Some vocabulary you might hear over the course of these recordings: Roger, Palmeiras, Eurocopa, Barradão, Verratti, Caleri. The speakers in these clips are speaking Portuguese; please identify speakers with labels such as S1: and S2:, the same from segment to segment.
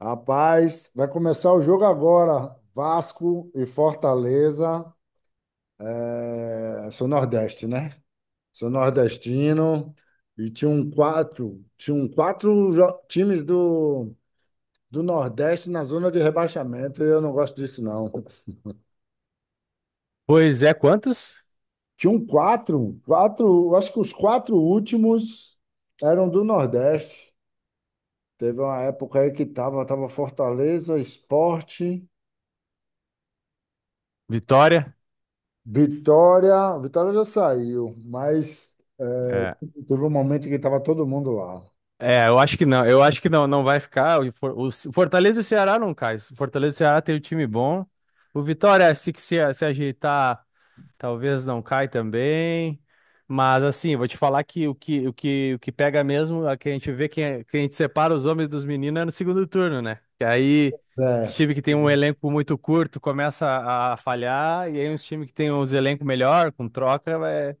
S1: Rapaz, vai começar o jogo agora. Vasco e Fortaleza. Sou nordeste, né? Sou nordestino. E tinha um quatro, times do Nordeste na zona de rebaixamento. Eu não gosto disso, não.
S2: Pois é, quantos?
S1: Tinha um quatro, quatro, eu acho que os quatro últimos eram do Nordeste. Teve uma época aí que tava Fortaleza, Sport.
S2: Vitória?
S1: Vitória, Vitória já saiu, mas é,
S2: É,
S1: teve um momento que estava todo mundo lá.
S2: é, eu acho que não, eu acho que não, não vai ficar. O, For- o Ce- Fortaleza e o Ceará não cai. O Fortaleza e o Ceará tem um time bom. O Vitória, se, que se ajeitar, talvez não cai também. Mas assim, vou te falar que o que pega mesmo, a que a gente vê, quem a gente separa os homens dos meninos é no segundo turno, né? Que aí, os
S1: É,
S2: times que tem um elenco muito curto começa a falhar, e aí os times que tem uns elencos melhor, com troca, vai.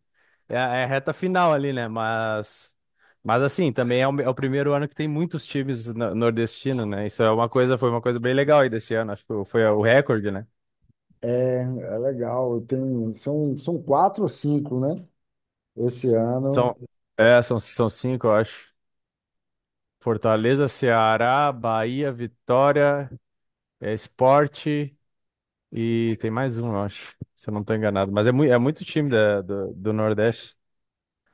S2: É, é a reta final ali, né? Mas assim, também é é o primeiro ano que tem muitos times nordestinos, né? Isso é uma coisa, foi uma coisa bem legal aí desse ano. Acho que foi o recorde, né?
S1: é legal. Tem, são, são quatro ou cinco, né? Esse ano,
S2: São, é, são cinco, eu acho. Fortaleza, Ceará, Bahia, Vitória, é, Sport e tem mais um, eu acho, se eu não estou enganado. Mas é, é muito time do Nordeste.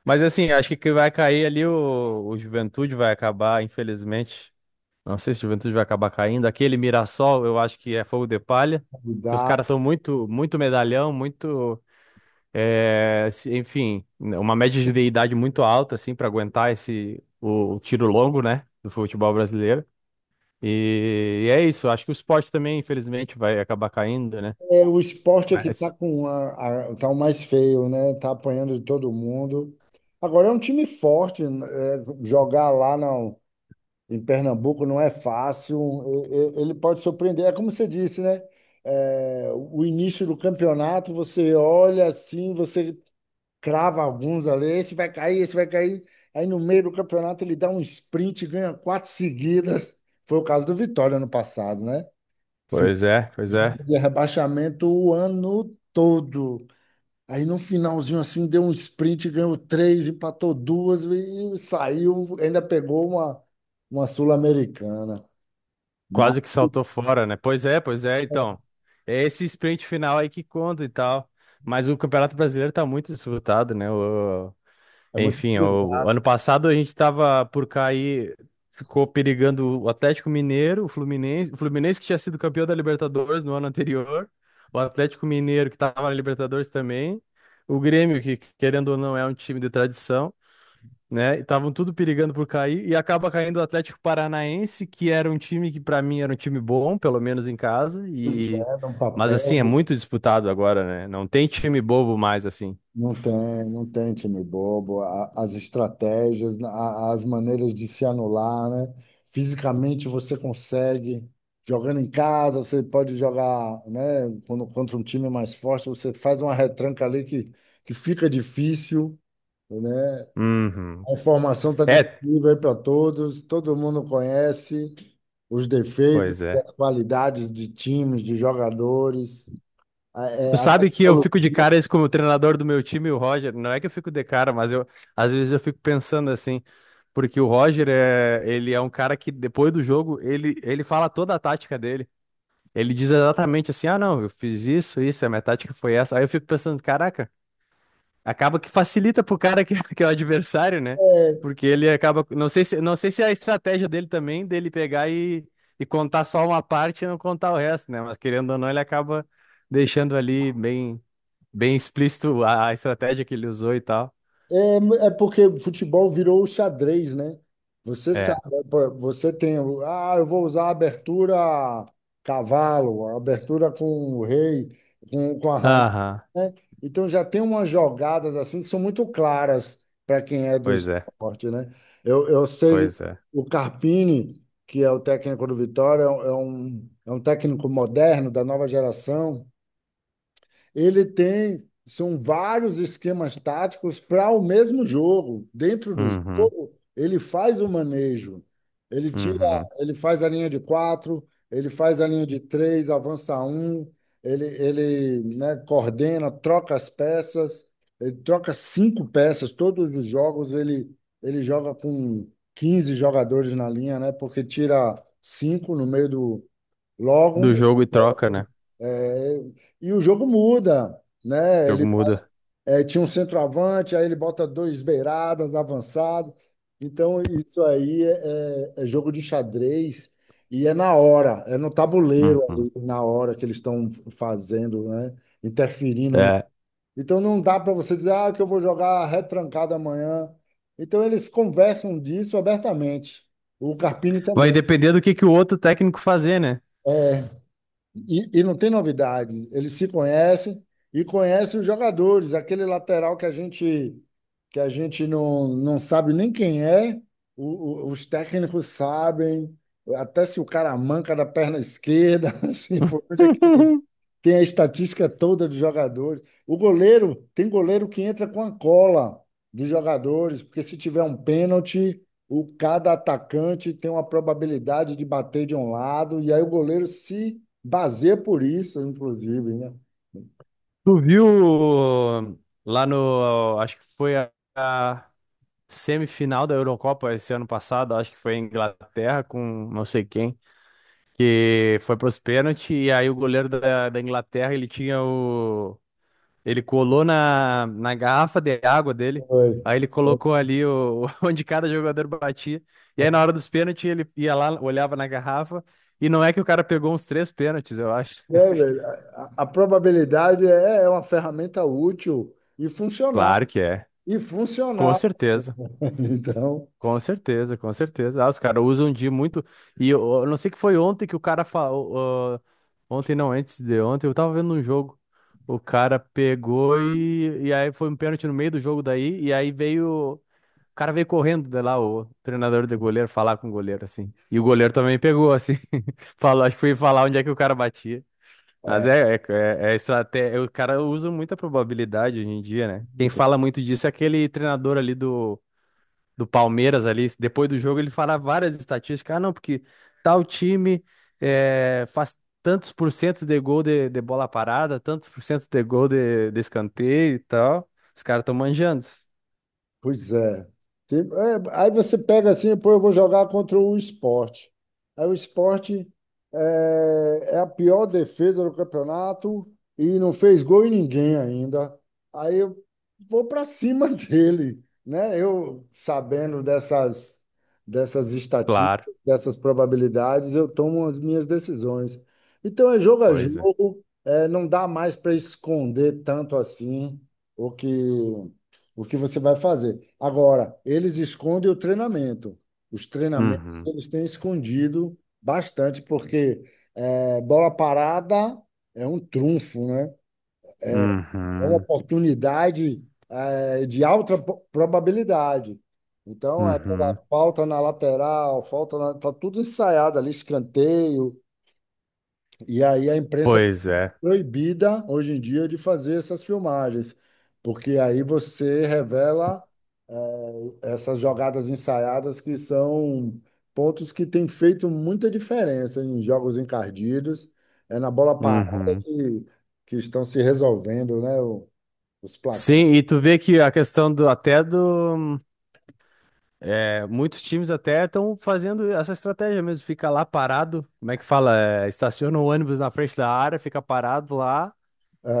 S2: Mas assim, acho que vai cair ali o Juventude, vai acabar, infelizmente. Não sei se o Juventude vai acabar caindo. Aquele Mirassol, eu acho que é fogo de palha, que os caras
S1: candidato.
S2: são muito, muito medalhão, muito, enfim, uma média de idade muito alta assim para aguentar esse o tiro longo, né, do futebol brasileiro. E é isso. Acho que o esporte também, infelizmente, vai acabar caindo, né?
S1: É, o esporte é
S2: Né?
S1: que está
S2: Mas,
S1: com tá o mais feio, né? Está apanhando de todo mundo. Agora é um time forte, né? É, jogar lá não. Em Pernambuco não é fácil, ele pode surpreender. É como você disse, né? É, o início do campeonato, você olha assim, você crava alguns ali, esse vai cair, esse vai cair. Aí no meio do campeonato ele dá um sprint, e ganha quatro seguidas. Foi o caso do Vitória ano passado, né? Ficou
S2: pois é, pois é.
S1: de rebaixamento o ano todo. Aí no finalzinho assim deu um sprint, ganhou três, empatou duas e saiu, ainda pegou uma Sul-Americana. Mas
S2: Quase que saltou fora, né? Pois é, pois é. Então, é esse sprint final aí que conta e tal. Mas o Campeonato Brasileiro tá muito disputado, né?
S1: é muito
S2: Enfim,
S1: utilizado,
S2: o ano passado a gente estava por cair, ficou perigando o Atlético Mineiro, o Fluminense que tinha sido campeão da Libertadores no ano anterior, o Atlético Mineiro que estava na Libertadores também, o Grêmio que querendo ou não é um time de tradição, né? E estavam tudo perigando por cair e acaba caindo o Atlético Paranaense, que era um time que para mim era um time bom, pelo menos em casa,
S1: pois
S2: e
S1: é, num
S2: mas assim é
S1: papel,
S2: muito disputado agora, né? Não tem time bobo mais assim.
S1: não tem time bobo. As estratégias, as maneiras de se anular, né? Fisicamente você consegue, jogando em casa, você pode jogar, né? Quando, contra um time mais forte, você faz uma retranca que fica difícil, né?
S2: Uhum.
S1: A informação está
S2: É,
S1: disponível aí para todos, todo mundo conhece os defeitos,
S2: pois é.
S1: as qualidades de times, de jogadores.
S2: Tu
S1: A
S2: sabe que eu fico de
S1: tecnologia
S2: cara isso como o treinador do meu time, o Roger. Não é que eu fico de cara, mas eu às vezes eu fico pensando assim, porque o Roger é, ele é um cara que depois do jogo, ele fala toda a tática dele. Ele diz exatamente assim: "Ah, não, eu fiz isso, isso, a minha tática foi essa". Aí eu fico pensando, caraca, acaba que facilita pro cara que, que é o adversário, né?
S1: é,
S2: Porque ele acaba. Não sei se, não sei se é a estratégia dele também, dele pegar e contar só uma parte e não contar o resto, né? Mas querendo ou não, ele acaba deixando ali bem, bem explícito a estratégia que ele usou e tal.
S1: é porque o futebol virou o xadrez, né? Você
S2: É.
S1: sabe, né, pô, você tem, eu vou usar a abertura cavalo, a abertura com o rei, com a rainha,
S2: Aham.
S1: né? Então já tem umas jogadas assim que são muito claras para quem é do
S2: Pois é.
S1: esporte, né? Eu sei
S2: Pois é.
S1: o Carpini, que é o técnico do Vitória, é um técnico moderno da nova geração. Ele tem, são vários esquemas táticos para o mesmo jogo. Dentro do
S2: Uhum.
S1: jogo, ele faz o manejo. Ele tira,
S2: Uhum.
S1: ele faz a linha de quatro, ele faz a linha de três, avança um, né, coordena, troca as peças, ele troca cinco peças, todos os jogos ele joga com 15 jogadores na linha, né? Porque tira cinco no meio do
S2: Do
S1: logo
S2: jogo e troca, né? O
S1: é, e o jogo muda, né?
S2: jogo
S1: Ele
S2: muda.
S1: é, tinha um centroavante, aí ele bota dois beiradas avançados. Então, isso aí é, é jogo de xadrez e é na hora, é no tabuleiro
S2: Uhum.
S1: ali, na hora que eles estão fazendo, né? Interferindo. No-
S2: É.
S1: Então, não dá para você dizer, ah, que eu vou jogar retrancado amanhã. Então, eles conversam disso abertamente. O Carpini
S2: Vai
S1: também.
S2: depender do que o outro técnico fazer, né?
S1: E, não tem novidade. Eles se conhecem e conhecem os jogadores. Aquele lateral que a gente não sabe nem quem é, os técnicos sabem, até se o cara manca da perna esquerda, assim, por onde é que ele tem a estatística toda dos jogadores. O goleiro, tem goleiro que entra com a cola dos jogadores, porque se tiver um pênalti, o cada atacante tem uma probabilidade de bater de um lado, e aí o goleiro se baseia por isso, inclusive, né?
S2: Tu viu lá no, acho que foi a semifinal da Eurocopa esse ano passado, acho que foi em Inglaterra com não sei quem, que foi pros pênaltis e aí o goleiro da Inglaterra, ele tinha o, ele colou na garrafa de água dele,
S1: Foi.
S2: aí ele colocou ali o, onde cada jogador batia, e aí na hora dos pênaltis ele ia lá, olhava na garrafa, e não é que o cara pegou uns três pênaltis, eu acho.
S1: É, velho, a probabilidade é, é uma ferramenta útil e funcional.
S2: Claro que é,
S1: E
S2: com
S1: funcional.
S2: certeza.
S1: Então,
S2: Com certeza, com certeza. Ah, os caras usam de muito. E eu não sei que foi ontem que o cara falou. Ah, ontem não, antes de ontem, eu tava vendo um jogo. O cara pegou e aí foi um pênalti no meio do jogo daí. E aí veio. O cara veio correndo de lá, o treinador do goleiro, falar com o goleiro, assim. E o goleiro também pegou, assim. Falou, acho que foi falar onde é que o cara batia. Mas
S1: é.
S2: é, é, é, é estratégia. O cara usa muita probabilidade hoje em dia, né? Quem fala muito disso é aquele treinador ali do do Palmeiras ali, depois do jogo, ele fala várias estatísticas. Ah, não, porque tal time faz tantos por cento de gol de bola parada, tantos por cento de gol de escanteio e tal. Os caras estão manjando.
S1: Pois é. Aí você pega assim, pô, eu vou jogar contra o esporte. Aí o esporte é, é a pior defesa do campeonato e não fez gol em ninguém ainda. Aí eu vou para cima dele, né? Eu sabendo dessas
S2: Claro,
S1: estatísticas, dessas probabilidades, eu tomo as minhas decisões. Então é jogo a
S2: pois é.
S1: jogo, é, não dá mais para esconder tanto assim o que o que você vai fazer. Agora, eles escondem o treinamento. Os treinamentos
S2: Uhum,
S1: eles têm escondido bastante, porque é, bola parada é um trunfo, né? É uma
S2: uhum,
S1: oportunidade é, probabilidade. Então, é aquela
S2: uhum.
S1: falta na lateral, falta na, tá tudo ensaiado ali, escanteio. E aí a imprensa
S2: Pois
S1: é
S2: é.
S1: proibida hoje em dia de fazer essas filmagens, porque aí você revela é, essas jogadas ensaiadas que são pontos que têm feito muita diferença em jogos encardidos. É na bola parada
S2: Uhum.
S1: que, que estão se resolvendo, né? Os placares.
S2: Sim, e tu vê que a questão do até do é, muitos times até estão fazendo essa estratégia mesmo, fica lá parado, como é que fala? É, estaciona o ônibus na frente da área, fica parado lá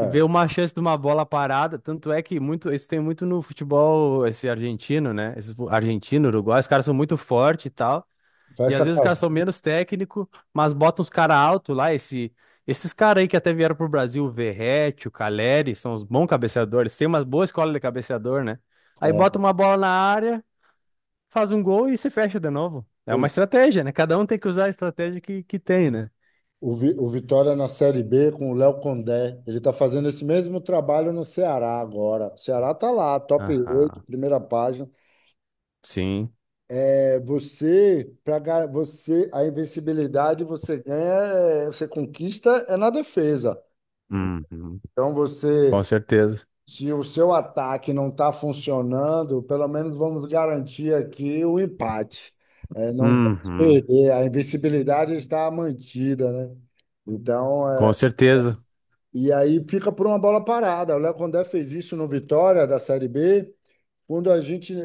S2: e vê uma chance de uma bola parada. Tanto é que muito, isso tem muito no futebol, esse argentino, né? Esse argentino, uruguai, os caras são muito fortes e tal. E
S1: fecha
S2: às
S1: a
S2: vezes os caras são
S1: cabeça.
S2: menos técnico, mas botam os caras alto lá, esse, esses caras aí que até vieram pro Brasil, o Verratti, o Caleri, são os bons cabeceadores, tem uma boa escola de cabeceador, né? Aí bota
S1: É,
S2: uma bola na área faz um gol e se fecha de novo. É
S1: pois
S2: uma
S1: é.
S2: estratégia, né? Cada um tem que usar a estratégia que tem, né?
S1: O Vitória na Série B com o Léo Condé. Ele está fazendo esse mesmo trabalho no Ceará agora. O Ceará está lá, top 8
S2: Aham.
S1: primeira página.
S2: Sim.
S1: É, você, para você, a invencibilidade você ganha, é, você conquista é na defesa.
S2: Uhum.
S1: Então
S2: Com
S1: você,
S2: certeza.
S1: se o seu ataque não está funcionando, pelo menos vamos garantir aqui o empate. É, não pode
S2: Uhum.
S1: perder, a invencibilidade está mantida, né? Então,
S2: Com
S1: é,
S2: certeza.
S1: e aí fica por uma bola parada. O Léo Condé fez isso no Vitória da Série B, quando a gente,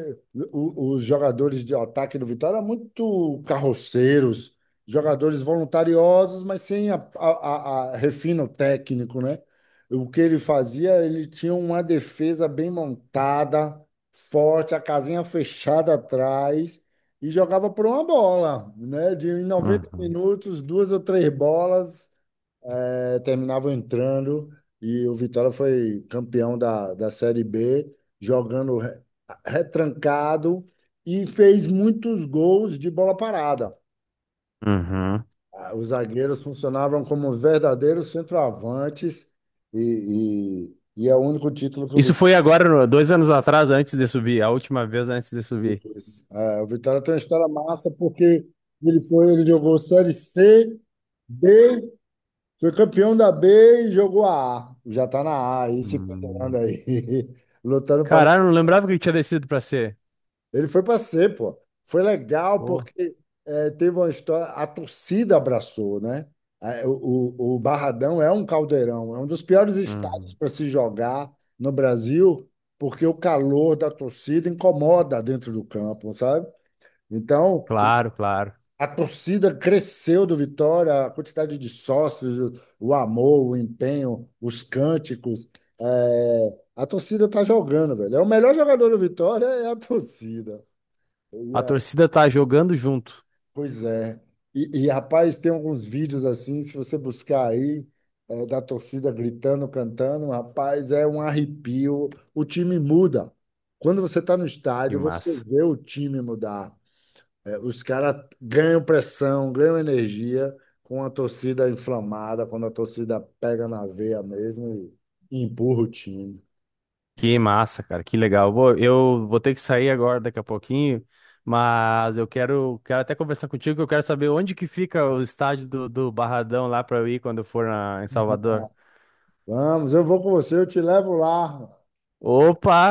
S1: os jogadores de ataque do Vitória eram muito carroceiros, jogadores voluntariosos, mas sem refino técnico, né? O que ele fazia, ele tinha uma defesa bem montada, forte, a casinha fechada atrás e jogava por uma bola, né? De em 90
S2: Uhum.
S1: minutos, duas ou três bolas é, terminavam entrando e o Vitória foi campeão da Série B, jogando re- retrancado e fez muitos gols de bola parada.
S2: Uhum.
S1: Ah, os zagueiros funcionavam como verdadeiros centroavantes e é o único título que o
S2: Isso
S1: Vitória
S2: foi agora, 2 anos atrás, antes de subir. A última vez antes de subir.
S1: fez. É, o Vitória tem uma história massa porque ele jogou Série C, B. Foi campeão da B e jogou a A. Já está na A aí, se pendurando
S2: Hum.
S1: aí, lutando para não.
S2: Caralho, não lembrava que tinha descido pra ser.
S1: Ele foi para C, pô. Foi legal
S2: Pô.
S1: porque teve uma história. A torcida abraçou, né? O Barradão é um caldeirão, é um dos piores estados
S2: Uhum.
S1: para se jogar no Brasil, porque o calor da torcida incomoda dentro do campo, sabe? Então,
S2: Claro, claro.
S1: a torcida cresceu do Vitória, a quantidade de sócios, o amor, o empenho, os cânticos. É, a torcida tá jogando, velho. O melhor jogador do Vitória é a torcida. E,
S2: A
S1: é,
S2: torcida tá jogando junto.
S1: pois é. Rapaz, tem alguns vídeos assim, se você buscar aí, é, da torcida gritando, cantando, rapaz, é um arrepio. O time muda. Quando você está no
S2: Que
S1: estádio, você
S2: massa.
S1: vê o time mudar. É, os caras ganham pressão, ganham energia com a torcida inflamada, quando a torcida pega na veia mesmo e empurra o time.
S2: Que massa, cara, que legal. Bom, eu vou ter que sair agora daqui a pouquinho, mas eu quero, quero até conversar contigo, que eu quero saber onde que fica o estádio do, do Barradão lá para eu ir quando eu for em Salvador.
S1: Vamos, eu vou com você, eu te levo lá.
S2: Opa,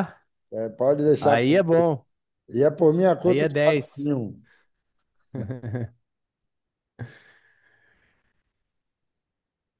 S1: É, pode deixar.
S2: aí é bom,
S1: E é por minha
S2: aí
S1: conta
S2: é
S1: de
S2: 10.
S1: patrocínio.